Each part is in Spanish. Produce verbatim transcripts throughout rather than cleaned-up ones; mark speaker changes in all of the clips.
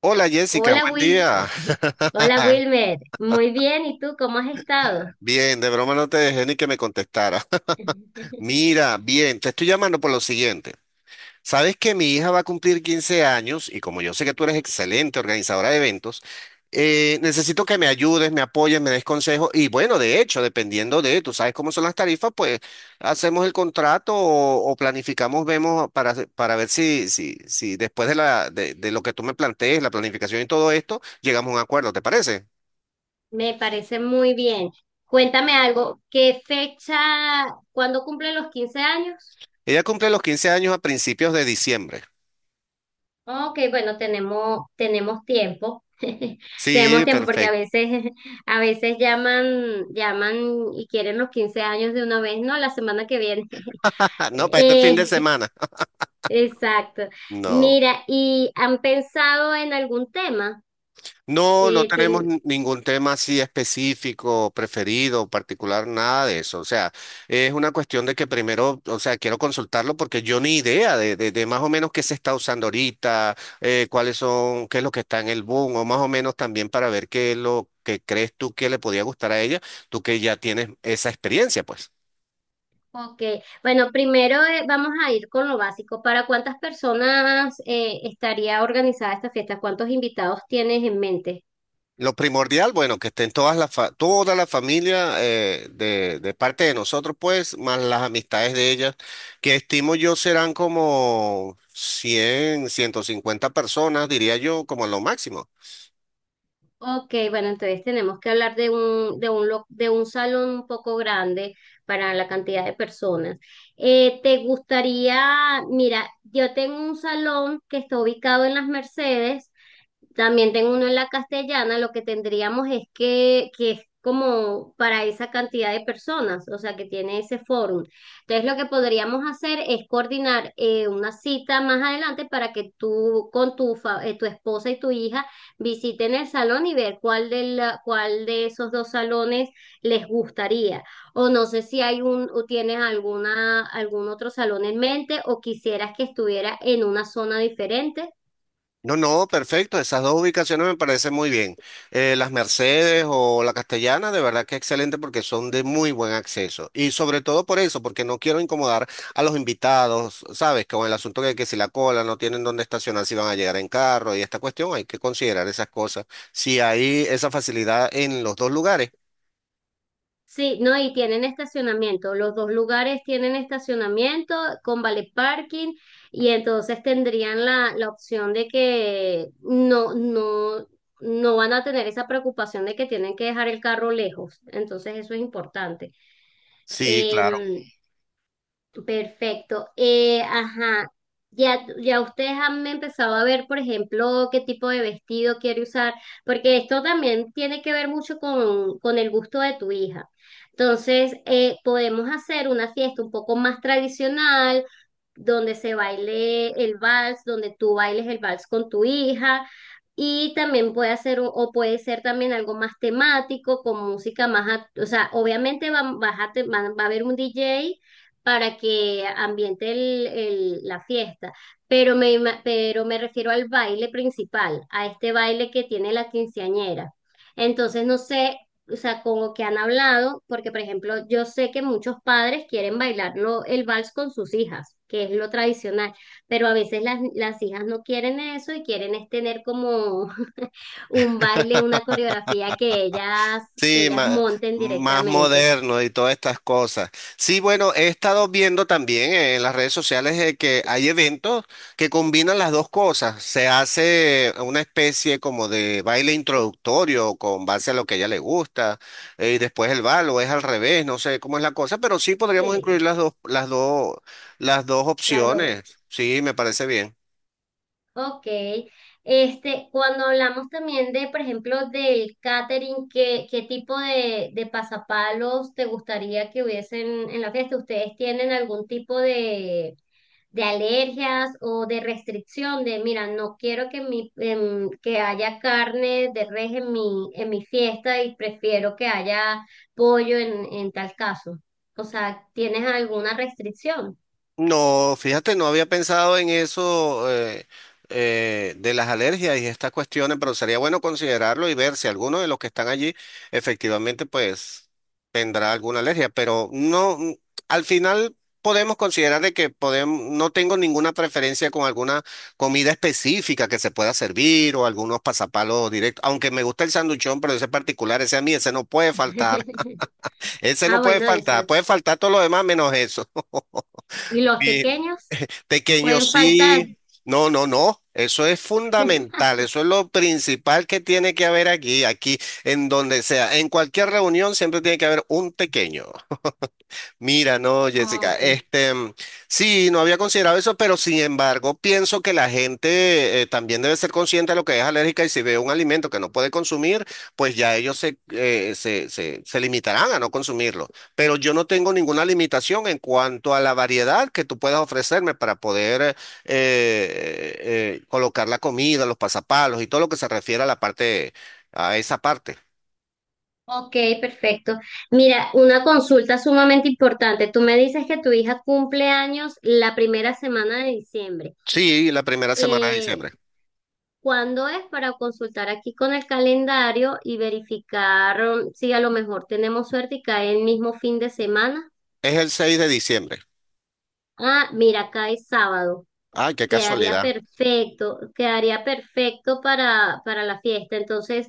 Speaker 1: Hola Jessica,
Speaker 2: Hola,
Speaker 1: buen
Speaker 2: Will.
Speaker 1: día.
Speaker 2: Hola, Wilmer, muy bien, ¿y tú cómo has estado?
Speaker 1: Bien, de broma no te dejé ni que me contestara. Mira, bien, te estoy llamando por lo siguiente. Sabes que mi hija va a cumplir quince años y como yo sé que tú eres excelente organizadora de eventos, eh, necesito que me ayudes, me apoyes, me des consejos y bueno, de hecho, dependiendo de, tú sabes cómo son las tarifas, pues hacemos el contrato o, o planificamos, vemos para, hacer- para ver si, si, si después de, la, de, de lo que tú me plantees, la planificación y todo esto, llegamos a un acuerdo, ¿te parece?
Speaker 2: Me parece muy bien. Cuéntame algo, ¿qué fecha, cuándo cumple los quince años?
Speaker 1: Ella cumple los quince años a principios de diciembre.
Speaker 2: Ok, bueno, tenemos, tenemos tiempo. Tenemos
Speaker 1: Sí,
Speaker 2: tiempo porque a
Speaker 1: perfecto.
Speaker 2: veces, a veces llaman, llaman y quieren los quince años de una vez. No, la semana que viene.
Speaker 1: No, para este fin de
Speaker 2: Eh,
Speaker 1: semana.
Speaker 2: exacto.
Speaker 1: No.
Speaker 2: Mira, ¿y han pensado en algún tema?
Speaker 1: No, no
Speaker 2: Eh,
Speaker 1: tenemos
Speaker 2: tien-
Speaker 1: n- ningún tema así específico, preferido, particular, nada de eso. O sea, es una cuestión de que primero, o sea, quiero consultarlo porque yo ni idea de, de- de más o menos qué se está usando ahorita, eh, cuáles son, qué es lo que está en el boom, o más o menos también para ver qué es lo que crees tú que le podía gustar a ella, tú que ya tienes esa experiencia, pues.
Speaker 2: Ok, bueno, primero eh, vamos a ir con lo básico. ¿Para cuántas personas eh, estaría organizada esta fiesta? ¿Cuántos invitados tienes en mente?
Speaker 1: Lo primordial, bueno, que estén todas las fa- toda la familia eh, de, de parte de nosotros, pues, más las amistades de ellas, que estimo yo serán como cien ciento cincuenta personas, diría yo, como lo máximo.
Speaker 2: Ok, bueno, entonces tenemos que hablar de un, de un, lo- de un salón un poco grande para la cantidad de personas. Eh, ¿te gustaría? Mira, yo tengo un salón que está ubicado en Las Mercedes, también tengo uno en la Castellana. Lo que tendríamos es que, que es como para esa cantidad de personas, o sea, que tiene ese fórum. Entonces, lo que podríamos hacer es coordinar eh, una cita más adelante para que tú con tu, fa- eh, tu esposa y tu hija visiten el salón y ver cuál de la- cuál de esos dos salones les gustaría. O no sé si hay un, o tienes alguna, algún otro salón en mente, o quisieras que estuviera en una zona diferente.
Speaker 1: No, no, perfecto. Esas dos ubicaciones me parecen muy bien. Eh, las Mercedes o la Castellana, de verdad que excelente porque son de muy buen acceso. Y sobre todo por eso, porque no quiero incomodar a los invitados, ¿sabes? Con el asunto de que si la cola no tienen dónde estacionar, si van a llegar en carro y esta cuestión, hay que considerar esas cosas. Si hay esa facilidad en los dos lugares.
Speaker 2: Sí, no, y tienen estacionamiento. Los dos lugares tienen estacionamiento con vale parking, y entonces tendrían la, la opción de que no, no, no van a tener esa preocupación de que tienen que dejar el carro lejos. Entonces eso es importante.
Speaker 1: Sí, claro.
Speaker 2: Em, Perfecto. Eh, ajá. Ya, ya ustedes han empezado a ver, por ejemplo, qué tipo de vestido quiere usar, porque esto también tiene que ver mucho con, con el gusto de tu hija. Entonces, eh, podemos hacer una fiesta un poco más tradicional, donde se baile el vals, donde tú bailes el vals con tu hija. Y también puede hacer, un- o puede ser también algo más temático, con música más, act- o sea, obviamente va, vas a te- va, va a haber un D J para que ambiente el- el- la fiesta, pero me, ima- pero me refiero al baile principal, a este baile que tiene la quinceañera. Entonces, no sé, o sea, con lo que han hablado, porque por ejemplo, yo sé que muchos padres quieren bailarlo el vals con sus hijas, que es lo tradicional. Pero a veces las, las hijas no quieren eso y quieren es tener como un baile, una coreografía que ellas, que
Speaker 1: Sí,
Speaker 2: ellas
Speaker 1: más,
Speaker 2: monten
Speaker 1: más
Speaker 2: directamente.
Speaker 1: moderno y todas estas cosas. Sí, bueno, he estado viendo también en las redes sociales eh, que hay eventos que combinan las dos cosas. Se hace una especie como de baile introductorio con base a lo que a ella le gusta eh, y después el bal o es al revés, no sé cómo es la cosa, pero sí podríamos incluir
Speaker 2: Sí,
Speaker 1: las dos, las dos, las dos
Speaker 2: las dos.
Speaker 1: opciones. Sí, me parece bien.
Speaker 2: Ok, este, cuando hablamos también de, por ejemplo, del catering, ¿qué, qué tipo de, de pasapalos te gustaría que hubiesen en la fiesta? ¿Ustedes tienen algún tipo de, de alergias o de restricción de? Mira, no quiero que mi, em, que haya carne de res en mi, en mi fiesta y prefiero que haya pollo en, en tal caso. O sea, ¿tienes alguna restricción?
Speaker 1: No, fíjate, no había pensado en eso eh, eh, de las alergias y estas cuestiones, pero sería bueno considerarlo y ver si alguno de los que están allí efectivamente pues tendrá alguna alergia, pero no, mm, al final podemos considerar de que podemos, no tengo ninguna preferencia con alguna comida específica que se pueda servir o algunos pasapalos directos, aunque me gusta el sanduchón, pero ese particular, ese a mí, ese no puede faltar, ese
Speaker 2: Ah,
Speaker 1: no puede
Speaker 2: bueno, eso.
Speaker 1: faltar, puede faltar todo lo demás menos eso.
Speaker 2: ¿Y los pequeños?
Speaker 1: Pequeño
Speaker 2: Pueden faltar.
Speaker 1: sí, no, no, no. Eso es fundamental, eso es lo principal que tiene que haber aquí, aquí, en donde sea, en cualquier reunión siempre tiene que haber un pequeño. Mira, no, Jessica,
Speaker 2: Ok.
Speaker 1: este, mm, sí, no había considerado eso, pero sin embargo, pienso que la gente eh, también debe ser consciente de lo que es alérgica y si ve un alimento que no puede consumir, pues ya ellos se, eh, se, se, se limitarán a no consumirlo. Pero yo no tengo ninguna limitación en cuanto a la variedad que tú puedas ofrecerme para poder eh, eh, colocar la comida, los pasapalos y todo lo que se refiere a la parte, a esa parte.
Speaker 2: Ok, perfecto. Mira, una consulta sumamente importante. Tú me dices que tu hija cumple años la primera semana de diciembre.
Speaker 1: Sí, la primera semana de
Speaker 2: Eh,
Speaker 1: diciembre.
Speaker 2: ¿Cuándo es, para consultar aquí con el calendario y verificar um, si a lo mejor tenemos suerte y cae el mismo fin de semana?
Speaker 1: Es el seis de diciembre.
Speaker 2: Ah, mira, cae sábado.
Speaker 1: Ah, qué
Speaker 2: Quedaría
Speaker 1: casualidad.
Speaker 2: perfecto, quedaría perfecto para, para la fiesta. Entonces,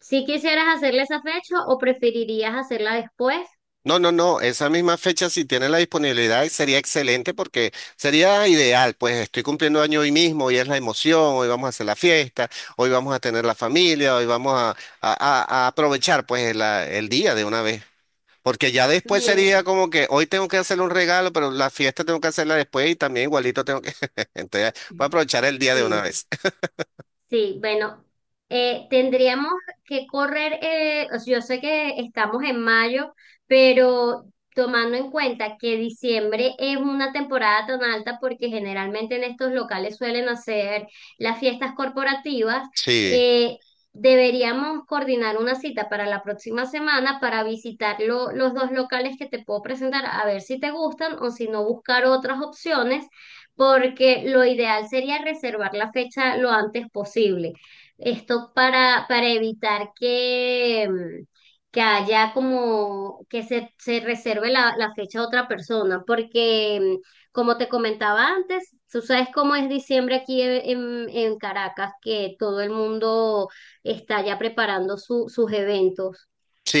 Speaker 2: si quisieras hacerla esa fecha o preferirías hacerla después,
Speaker 1: No, no, no, esa misma fecha si tiene la disponibilidad sería excelente porque sería ideal, pues estoy cumpliendo año hoy mismo, hoy es la emoción, hoy vamos a hacer la fiesta, hoy vamos a tener la familia, hoy vamos a, a- a- a aprovechar pues la- el día de una vez, porque ya después sería
Speaker 2: mira,
Speaker 1: como que hoy tengo que hacerle un regalo, pero la fiesta tengo que hacerla después y también igualito tengo que, entonces voy a aprovechar el día de una
Speaker 2: sí.
Speaker 1: vez.
Speaker 2: Sí, bueno, eh, tendríamos que correr, eh, o sea, yo sé que estamos en mayo, pero tomando en cuenta que diciembre es una temporada tan alta porque generalmente en estos locales suelen hacer las fiestas corporativas,
Speaker 1: Sí.
Speaker 2: eh, deberíamos coordinar una cita para la próxima semana para visitar lo- los dos locales que te puedo presentar, a ver si te gustan o si no buscar otras opciones, porque lo ideal sería reservar la fecha lo antes posible. Esto para, para evitar que, mm, que haya como que se, se reserve la, la fecha a otra persona, porque mm, como te comentaba antes, tú sabes cómo es diciembre aquí en, en- en Caracas, que todo el mundo está ya preparando su- sus eventos.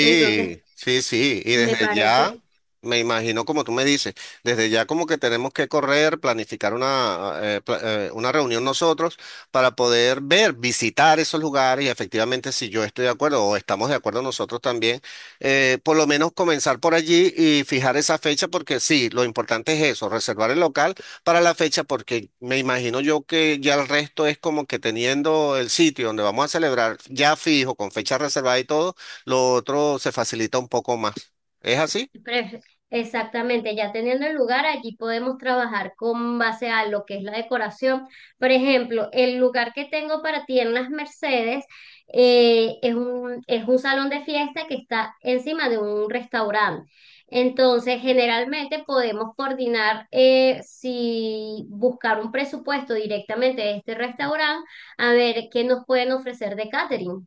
Speaker 2: Entonces,
Speaker 1: sí, sí, y
Speaker 2: me
Speaker 1: desde ya,
Speaker 2: parece.
Speaker 1: me imagino como tú me dices, desde ya como que tenemos que correr, planificar una, eh, eh, pla- eh, una reunión nosotros para poder ver, visitar esos lugares y efectivamente si yo estoy de acuerdo o estamos de acuerdo nosotros también, eh, por lo menos comenzar por allí y fijar esa fecha porque sí, lo importante es eso, reservar el local para la fecha porque me imagino yo que ya el resto es como que teniendo el sitio donde vamos a celebrar ya fijo, con fecha reservada y todo lo otro se facilita un poco más. ¿Es así?
Speaker 2: Pref- Exactamente, ya teniendo el lugar, allí podemos trabajar con base a lo que es la decoración. Por ejemplo, el lugar que tengo para ti en las Mercedes eh, es un, es un salón de fiesta que está encima de un restaurante. Entonces, generalmente podemos coordinar eh, si buscar un presupuesto directamente de este restaurante, a ver qué nos pueden ofrecer de catering,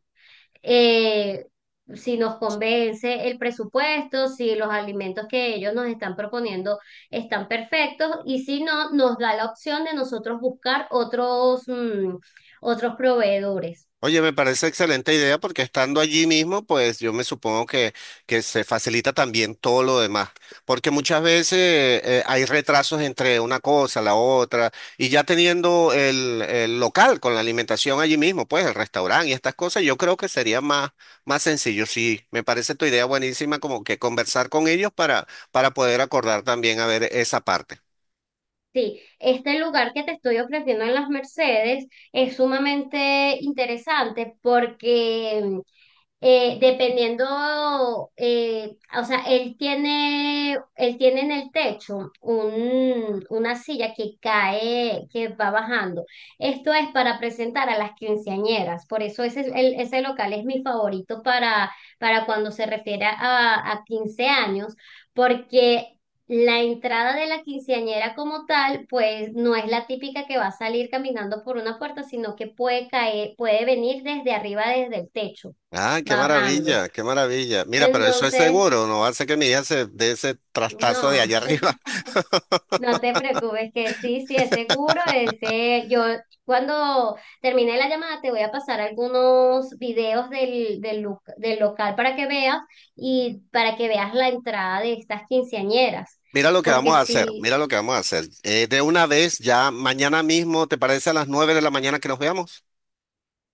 Speaker 2: eh, si nos convence el presupuesto, si los alimentos que ellos nos están proponiendo están perfectos. Y si no, nos da la opción de nosotros buscar otros, mm, otros proveedores.
Speaker 1: Oye, me parece excelente idea porque estando allí mismo, pues yo me supongo que, que se facilita también todo lo demás, porque muchas veces eh, hay retrasos entre una cosa, la otra, y ya teniendo el, el local con la alimentación allí mismo, pues el restaurante y estas cosas, yo creo que sería más, más, sencillo. Sí, me parece tu idea buenísima como que conversar con ellos para, para poder acordar también a ver esa parte.
Speaker 2: Sí, este lugar que te estoy ofreciendo en Las Mercedes es sumamente interesante porque eh, dependiendo, eh, o sea, él tiene, él tiene en el techo un, una silla que cae, que va bajando. Esto es para presentar a las quinceañeras, por eso ese, es el- ese local es mi favorito para, para cuando se refiere a, a quince años, porque... La entrada de la quinceañera como tal, pues no es la típica que va a salir caminando por una puerta, sino que puede caer, puede venir desde arriba, desde el techo
Speaker 1: Ah, qué
Speaker 2: bajando.
Speaker 1: maravilla, qué maravilla. Mira, pero eso es
Speaker 2: Entonces,
Speaker 1: seguro, no hace que mi hija se dé ese trastazo de
Speaker 2: no,
Speaker 1: allá arriba.
Speaker 2: no te preocupes que sí, sí, es seguro, ese. Yo cuando termine la llamada te voy a pasar algunos videos del, del, lu- del local para que veas, y para que veas la entrada de estas quinceañeras,
Speaker 1: Mira lo que
Speaker 2: porque
Speaker 1: vamos a hacer,
Speaker 2: sí.
Speaker 1: mira lo que vamos a hacer. Eh, de una vez, ya mañana mismo, ¿te parece a las nueve de la mañana que nos veamos?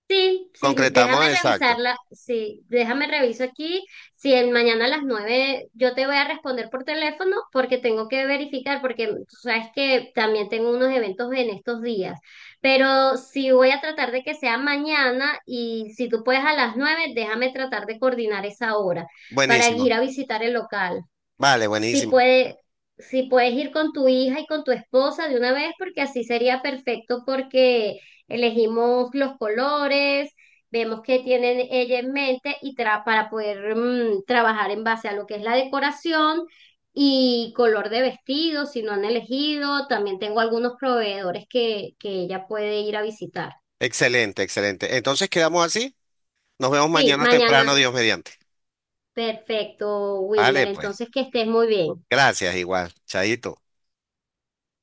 Speaker 2: Sí, sí,
Speaker 1: Concretamos,
Speaker 2: déjame
Speaker 1: exacto.
Speaker 2: revisarla, sí, déjame reviso aquí, si el mañana a las nueve yo te voy a responder por teléfono, porque tengo que verificar, porque tú sabes que también tengo unos eventos en estos días, pero sí voy a tratar de que sea mañana y si tú puedes a las nueve, déjame tratar de coordinar esa hora para ir
Speaker 1: Buenísimo.
Speaker 2: a visitar el local,
Speaker 1: Vale,
Speaker 2: si
Speaker 1: buenísimo.
Speaker 2: puede, si puedes ir con tu hija y con tu esposa de una vez, porque así sería perfecto porque elegimos los colores, vemos qué tienen ella en mente y tra- para poder mm, trabajar en base a lo que es la decoración y color de vestido, si no han elegido. También tengo algunos proveedores que, que ella puede ir a visitar.
Speaker 1: Excelente, excelente. Entonces quedamos así. Nos vemos
Speaker 2: Sí,
Speaker 1: mañana temprano,
Speaker 2: mañana.
Speaker 1: Dios mediante.
Speaker 2: Perfecto, Wilmer.
Speaker 1: Vale, pues.
Speaker 2: Entonces, que estés muy bien.
Speaker 1: Gracias, igual. Chaito.